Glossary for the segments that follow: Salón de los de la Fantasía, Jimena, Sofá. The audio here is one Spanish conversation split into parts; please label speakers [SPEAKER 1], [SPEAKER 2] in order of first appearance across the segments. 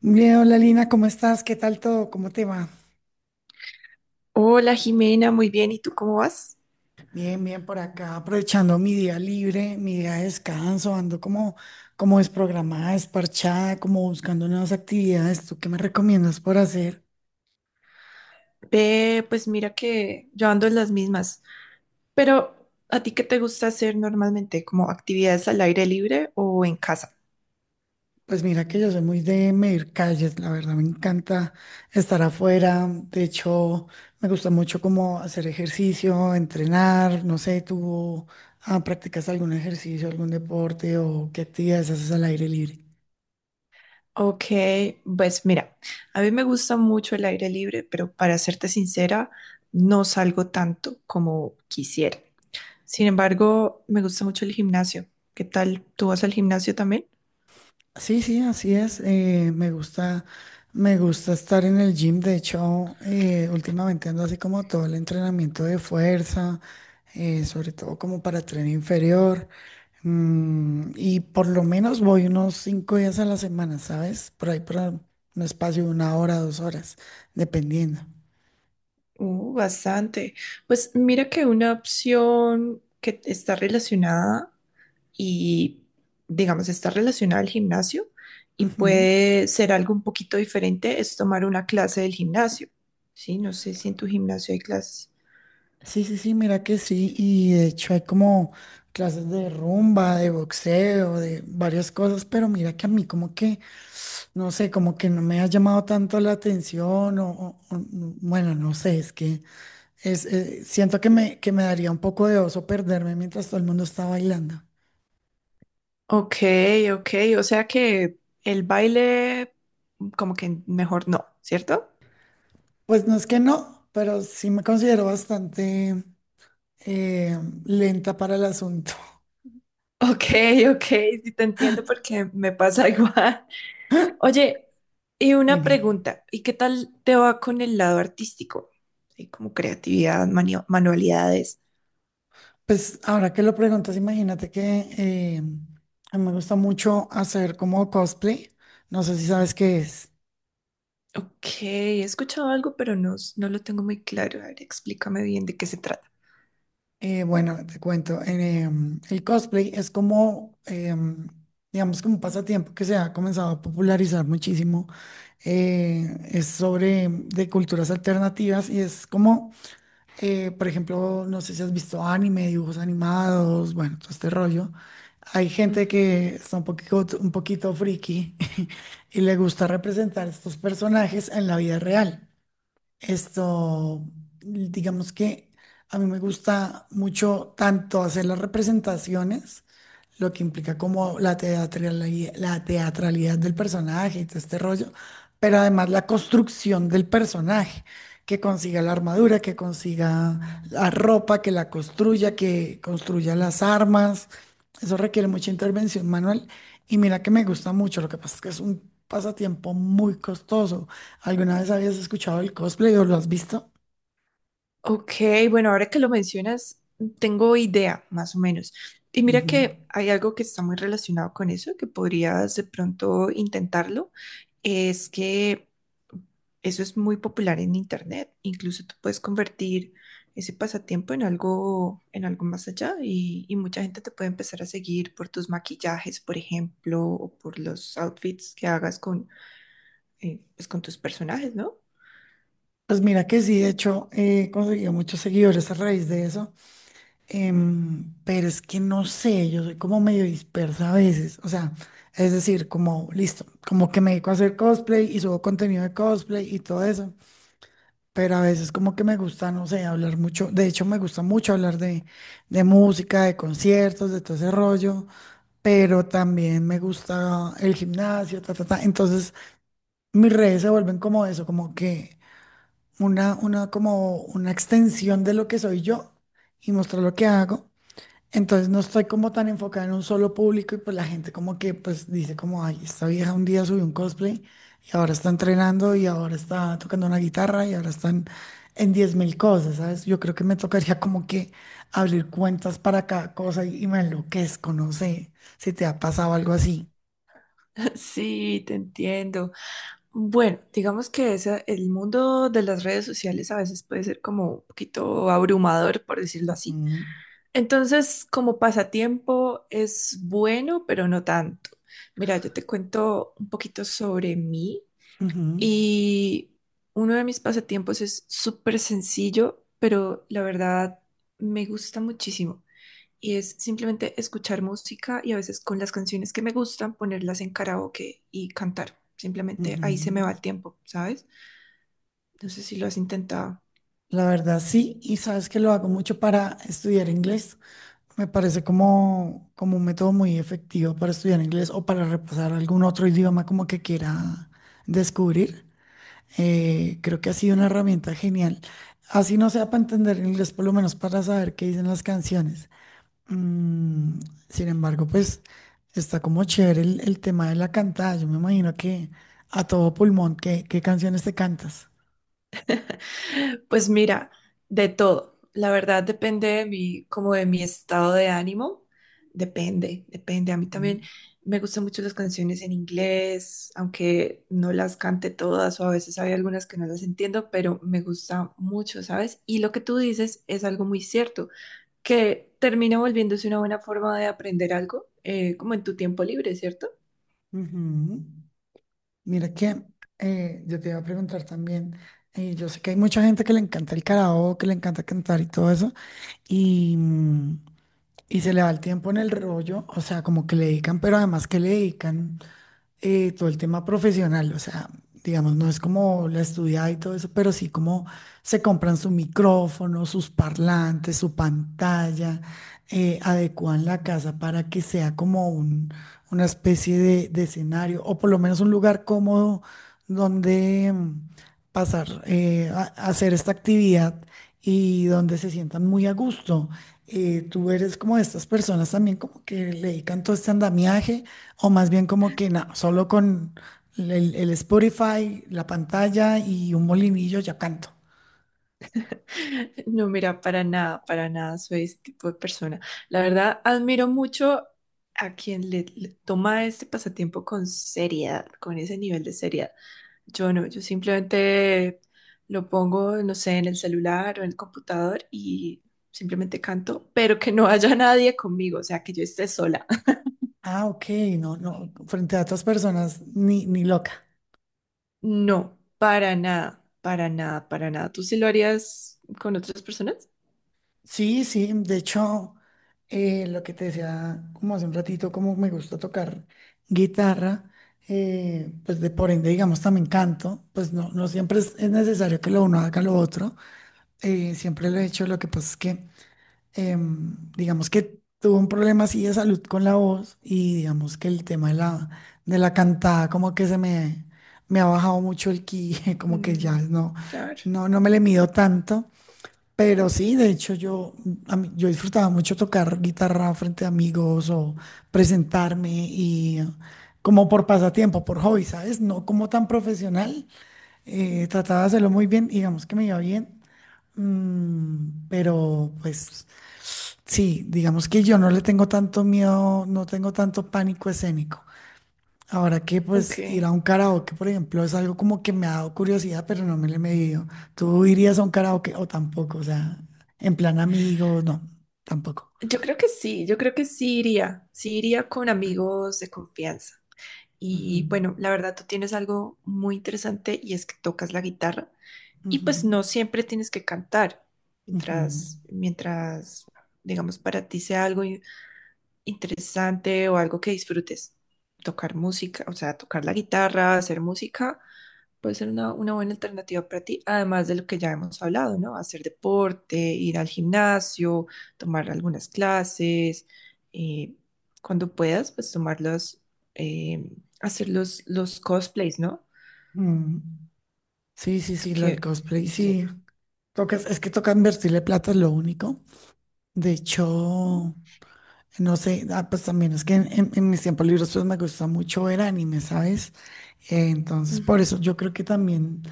[SPEAKER 1] Bien, hola Lina, ¿cómo estás? ¿Qué tal todo? ¿Cómo te va?
[SPEAKER 2] Hola Jimena, muy bien. ¿Y tú cómo vas?
[SPEAKER 1] Bien, bien por acá, aprovechando mi día libre, mi día de descanso, ando como, como desprogramada, desparchada, como buscando nuevas actividades. ¿Tú qué me recomiendas por hacer?
[SPEAKER 2] Ve, pues mira que yo ando en las mismas. Pero, ¿a ti qué te gusta hacer normalmente? ¿Como actividades al aire libre o en casa?
[SPEAKER 1] Pues mira que yo soy muy de medir calles, la verdad me encanta estar afuera. De hecho, me gusta mucho como hacer ejercicio, entrenar, no sé, ¿ practicas algún ejercicio, algún deporte o qué actividades haces al aire libre?
[SPEAKER 2] Ok, pues mira, a mí me gusta mucho el aire libre, pero para serte sincera, no salgo tanto como quisiera. Sin embargo, me gusta mucho el gimnasio. ¿Qué tal? ¿Tú vas al gimnasio también?
[SPEAKER 1] Sí, sí, así es. Me gusta, me gusta estar en el gym. De hecho, últimamente ando así como todo el entrenamiento de fuerza, sobre todo como para tren inferior. Y por lo menos voy unos 5 días a la semana, ¿sabes? Por ahí para un espacio de 1 hora, 2 horas, dependiendo.
[SPEAKER 2] Bastante. Pues mira que una opción que está relacionada y, digamos, está relacionada al gimnasio y
[SPEAKER 1] Ujú.
[SPEAKER 2] puede ser algo un poquito diferente, es tomar una clase del gimnasio. Sí, no sé si en tu gimnasio hay clases.
[SPEAKER 1] Sí, sí, sí, mira que sí, y de hecho hay como clases de rumba, de boxeo, de varias cosas, pero mira que a mí como que no sé, como que no me ha llamado tanto la atención o no- bueno, no sé, es que siento que que me daría un poco de oso perderme mientras todo el mundo está bailando.
[SPEAKER 2] Ok, ok, o sea que el baile como que mejor no, ¿cierto?
[SPEAKER 1] Pues no es que no, pero sí me considero bastante eh, lenta para el asunto.
[SPEAKER 2] Ok, ok, sí te entiendo porque me pasa igual. Oye, y una
[SPEAKER 1] Dime.
[SPEAKER 2] pregunta, ¿y qué tal te va con el lado artístico? Sí, como creatividad, manualidades.
[SPEAKER 1] Pues ahora que lo preguntas, imagínate que a mí me gusta mucho hacer como cosplay. No sé si sabes qué es.
[SPEAKER 2] Ok, he escuchado algo, pero no, no lo tengo muy claro. A ver, explícame bien de qué se trata.
[SPEAKER 1] Bueno, te cuento, el cosplay es como, digamos, como un pasatiempo que se ha comenzado a popularizar muchísimo. Es sobre de culturas alternativas y es como, por ejemplo, no sé si has visto anime, dibujos animados, bueno, todo este rollo. Hay gente
[SPEAKER 2] Ujú.
[SPEAKER 1] que está un poquito friki y le gusta representar estos personajes en la vida real. Esto, digamos que a mí me gusta mucho tanto hacer las representaciones, lo que implica como la teatralidad del personaje y todo este rollo, pero además la construcción del personaje, que consiga la armadura, que consiga la ropa, que la construya, que construya las armas. Eso requiere mucha intervención manual y mira que me gusta mucho, lo que pasa es que es un pasatiempo muy costoso. ¿Alguna vez habías escuchado el cosplay o lo has visto?
[SPEAKER 2] Ok, bueno, ahora que lo mencionas, tengo idea, más o menos. Y mira
[SPEAKER 1] Ujú.
[SPEAKER 2] que hay algo que está muy relacionado con eso, que podrías de pronto intentarlo, es que eso es muy popular en internet. Incluso tú puedes convertir ese pasatiempo en algo más allá y mucha gente te puede empezar a seguir por tus maquillajes, por ejemplo, o por los outfits que hagas con, pues, con tus personajes, ¿no?
[SPEAKER 1] Pues mira que sí, de hecho, he conseguido muchos seguidores a raíz de eso, pero es que no sé, yo soy como medio dispersa a veces, o sea, es decir, como listo, como que me dedico a hacer cosplay y subo contenido de cosplay y todo eso, pero a veces como que me gusta, no sé, hablar mucho, de hecho me gusta mucho hablar de música, de conciertos, de todo ese rollo, pero también me gusta el gimnasio, ta, ta, ta, entonces mis redes se vuelven como eso, como que como una extensión de lo que soy yo y mostrar lo que hago. Entonces no estoy como tan enfocada en un solo público y pues la gente como que pues dice como, ay, esta vieja un día subió un cosplay y ahora está entrenando y ahora está tocando una guitarra y ahora están en 10 mil cosas, ¿sabes? Yo creo que me tocaría como que abrir cuentas para cada cosa y me enloquezco, no sé si te ha pasado algo así.
[SPEAKER 2] Sí, te entiendo. Bueno, digamos que el mundo de las redes sociales a veces puede ser como un poquito abrumador, por decirlo así.
[SPEAKER 1] Ujú,
[SPEAKER 2] Entonces, como pasatiempo es bueno, pero no tanto. Mira, yo te cuento un poquito sobre mí
[SPEAKER 1] ujú,
[SPEAKER 2] y uno de mis pasatiempos es súper sencillo, pero la verdad me gusta muchísimo. Y es simplemente escuchar música y a veces con las canciones que me gustan ponerlas en karaoke y cantar. Simplemente ahí se me va
[SPEAKER 1] ujú.
[SPEAKER 2] el tiempo, ¿sabes? No sé si lo has intentado.
[SPEAKER 1] La verdad sí, y sabes que lo hago mucho para estudiar inglés. Me parece como, como un método muy efectivo para estudiar inglés o para repasar algún otro idioma como que quiera descubrir. Creo que ha sido una herramienta genial. Así no sea para entender inglés, por lo menos para saber qué dicen las canciones. Mm, sin embargo, pues está como chévere el tema de la cantada. Yo me imagino que a todo pulmón, ¿qué, qué canciones te cantas?
[SPEAKER 2] Pues mira, de todo. La verdad depende de mi, como de mi estado de ánimo. Depende, depende. A mí también
[SPEAKER 1] Ujú.
[SPEAKER 2] me gustan mucho las canciones en inglés, aunque no las cante todas o a veces hay algunas que no las entiendo, pero me gusta mucho, ¿sabes? Y lo que tú dices es algo muy cierto, que termina volviéndose una buena forma de aprender algo, como en tu tiempo libre, ¿cierto?
[SPEAKER 1] Ujú. Mira que yo te iba a preguntar también, yo sé que hay mucha gente que le encanta el karaoke, que le encanta cantar y todo eso, y, mm, y se le va el tiempo en el rollo, o sea, como que le dedican, pero además que le dedican todo el tema profesional, o sea, digamos, no es como la estudiada y todo eso, pero sí como se compran su micrófono, sus parlantes, su pantalla, adecúan la casa para que sea como un- una especie de escenario o por lo menos un lugar cómodo donde pasar, a hacer esta actividad y donde se sientan muy a gusto. Tú eres como de estas personas también como que le dedican todo este andamiaje. O más bien como que no, solo con el Spotify, la pantalla y un molinillo ya canto.
[SPEAKER 2] No, mira, para nada soy ese tipo de persona. La verdad, admiro mucho a le toma este pasatiempo con seriedad, con ese nivel de seriedad. Yo no, yo simplemente lo pongo, no sé, en el celular o en el computador y simplemente canto, pero que no haya nadie conmigo, o sea, que yo esté sola.
[SPEAKER 1] Ah, ok, no, no, frente a otras personas, ni, ni loca.
[SPEAKER 2] No, para nada, para nada, para nada. ¿Tú sí lo harías con otras personas?
[SPEAKER 1] Sí, sí, de hecho, lo que te decía como hace un ratito, como me gusta tocar guitarra, pues de por ende, digamos, también canto, pues no, no siempre es necesario que lo uno haga lo otro, siempre lo he hecho, lo que pasa es que digamos que tuvo un problema así de salud con la voz y digamos que el tema de la cantada como que me ha bajado mucho el ki, como que ya
[SPEAKER 2] Mm,
[SPEAKER 1] no,
[SPEAKER 2] claro.
[SPEAKER 1] no, no me le mido tanto. Pero sí, de hecho a mí- yo disfrutaba mucho tocar guitarra frente a amigos o presentarme y como por pasatiempo, por hobby, ¿sabes? No como tan profesional. Trataba de hacerlo muy bien, digamos que me iba bien, mm, pero pues sí, digamos que yo no le tengo tanto miedo, no tengo tanto pánico escénico. Ahora que pues ir a
[SPEAKER 2] Ok.
[SPEAKER 1] un karaoke, por ejemplo, es algo como que me ha dado curiosidad, pero no me le he medido. ¿Tú irías a un karaoke o tampoco? O sea, en plan amigos, no, tampoco.
[SPEAKER 2] Yo creo que sí, yo creo que sí iría con amigos de confianza.
[SPEAKER 1] Ujú,
[SPEAKER 2] Y bueno, la verdad tú tienes algo muy interesante y es que tocas la guitarra y pues
[SPEAKER 1] ujú,
[SPEAKER 2] no siempre tienes que cantar
[SPEAKER 1] ujú,
[SPEAKER 2] mientras, mientras, digamos, para ti sea algo interesante o algo que disfrutes. Tocar música, o sea, tocar la guitarra, hacer música, puede ser una buena alternativa para ti, además de lo que ya hemos hablado, ¿no? Hacer deporte, ir al gimnasio, tomar algunas clases, eh, cuando puedas, pues tomar los, eh, hacer los cosplays, ¿no?
[SPEAKER 1] mm. Sí, sí, sí, lo del
[SPEAKER 2] Que,
[SPEAKER 1] cosplay,
[SPEAKER 2] sí.
[SPEAKER 1] sí. Tocas, es que toca invertirle plata, es lo único. De hecho, no sé, ah, pues también es que en mis tiempos libres pues me gusta mucho ver anime, ¿sabes? Entonces, por
[SPEAKER 2] Ujú.
[SPEAKER 1] eso yo creo que también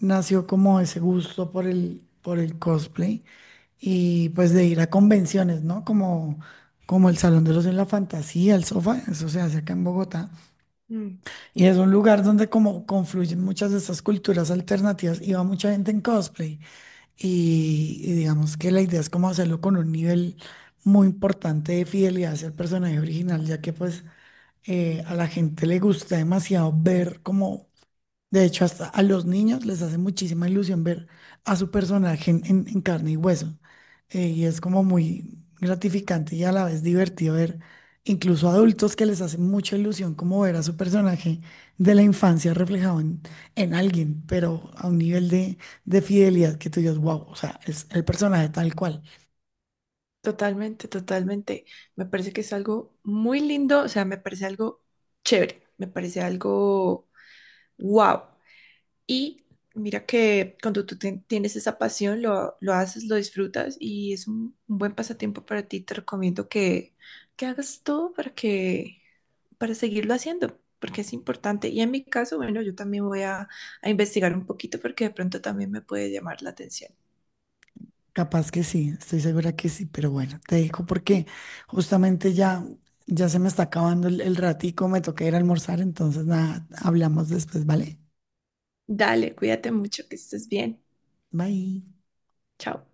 [SPEAKER 1] nació como ese gusto por el cosplay y pues de ir a convenciones, ¿no? Como, como el Salón de los de la Fantasía, el Sofá, eso se hace acá en Bogotá.
[SPEAKER 2] Mm.
[SPEAKER 1] Y es un lugar donde como confluyen muchas de estas culturas alternativas y va mucha gente en cosplay y digamos que la idea es como hacerlo con un nivel muy importante de fidelidad hacia el personaje original, ya que pues a la gente le gusta demasiado ver como de hecho, hasta a los niños les hace muchísima ilusión ver a su personaje en carne y hueso. Y es como muy gratificante y a la vez divertido ver incluso adultos que les hace mucha ilusión como ver a su personaje de la infancia reflejado en alguien, pero a un nivel de fidelidad que tú dices, wow, o sea, es el personaje tal cual.
[SPEAKER 2] Totalmente, totalmente. Me parece que es algo muy lindo, o sea, me parece algo chévere, me parece algo wow. Y mira que cuando tú tienes esa pasión, lo haces, lo disfrutas y es un buen pasatiempo para ti. Te recomiendo que hagas todo para que, para seguirlo haciendo, porque es importante. Y en mi caso, bueno, yo también voy a investigar un poquito porque de pronto también me puede llamar la atención.
[SPEAKER 1] Capaz que sí, estoy segura que sí, pero bueno, te digo porque justamente ya, ya se me está acabando el ratico, me toca ir a almorzar, entonces nada, hablamos después, ¿vale?
[SPEAKER 2] Dale, cuídate mucho, que estés bien.
[SPEAKER 1] Bye.
[SPEAKER 2] Chao.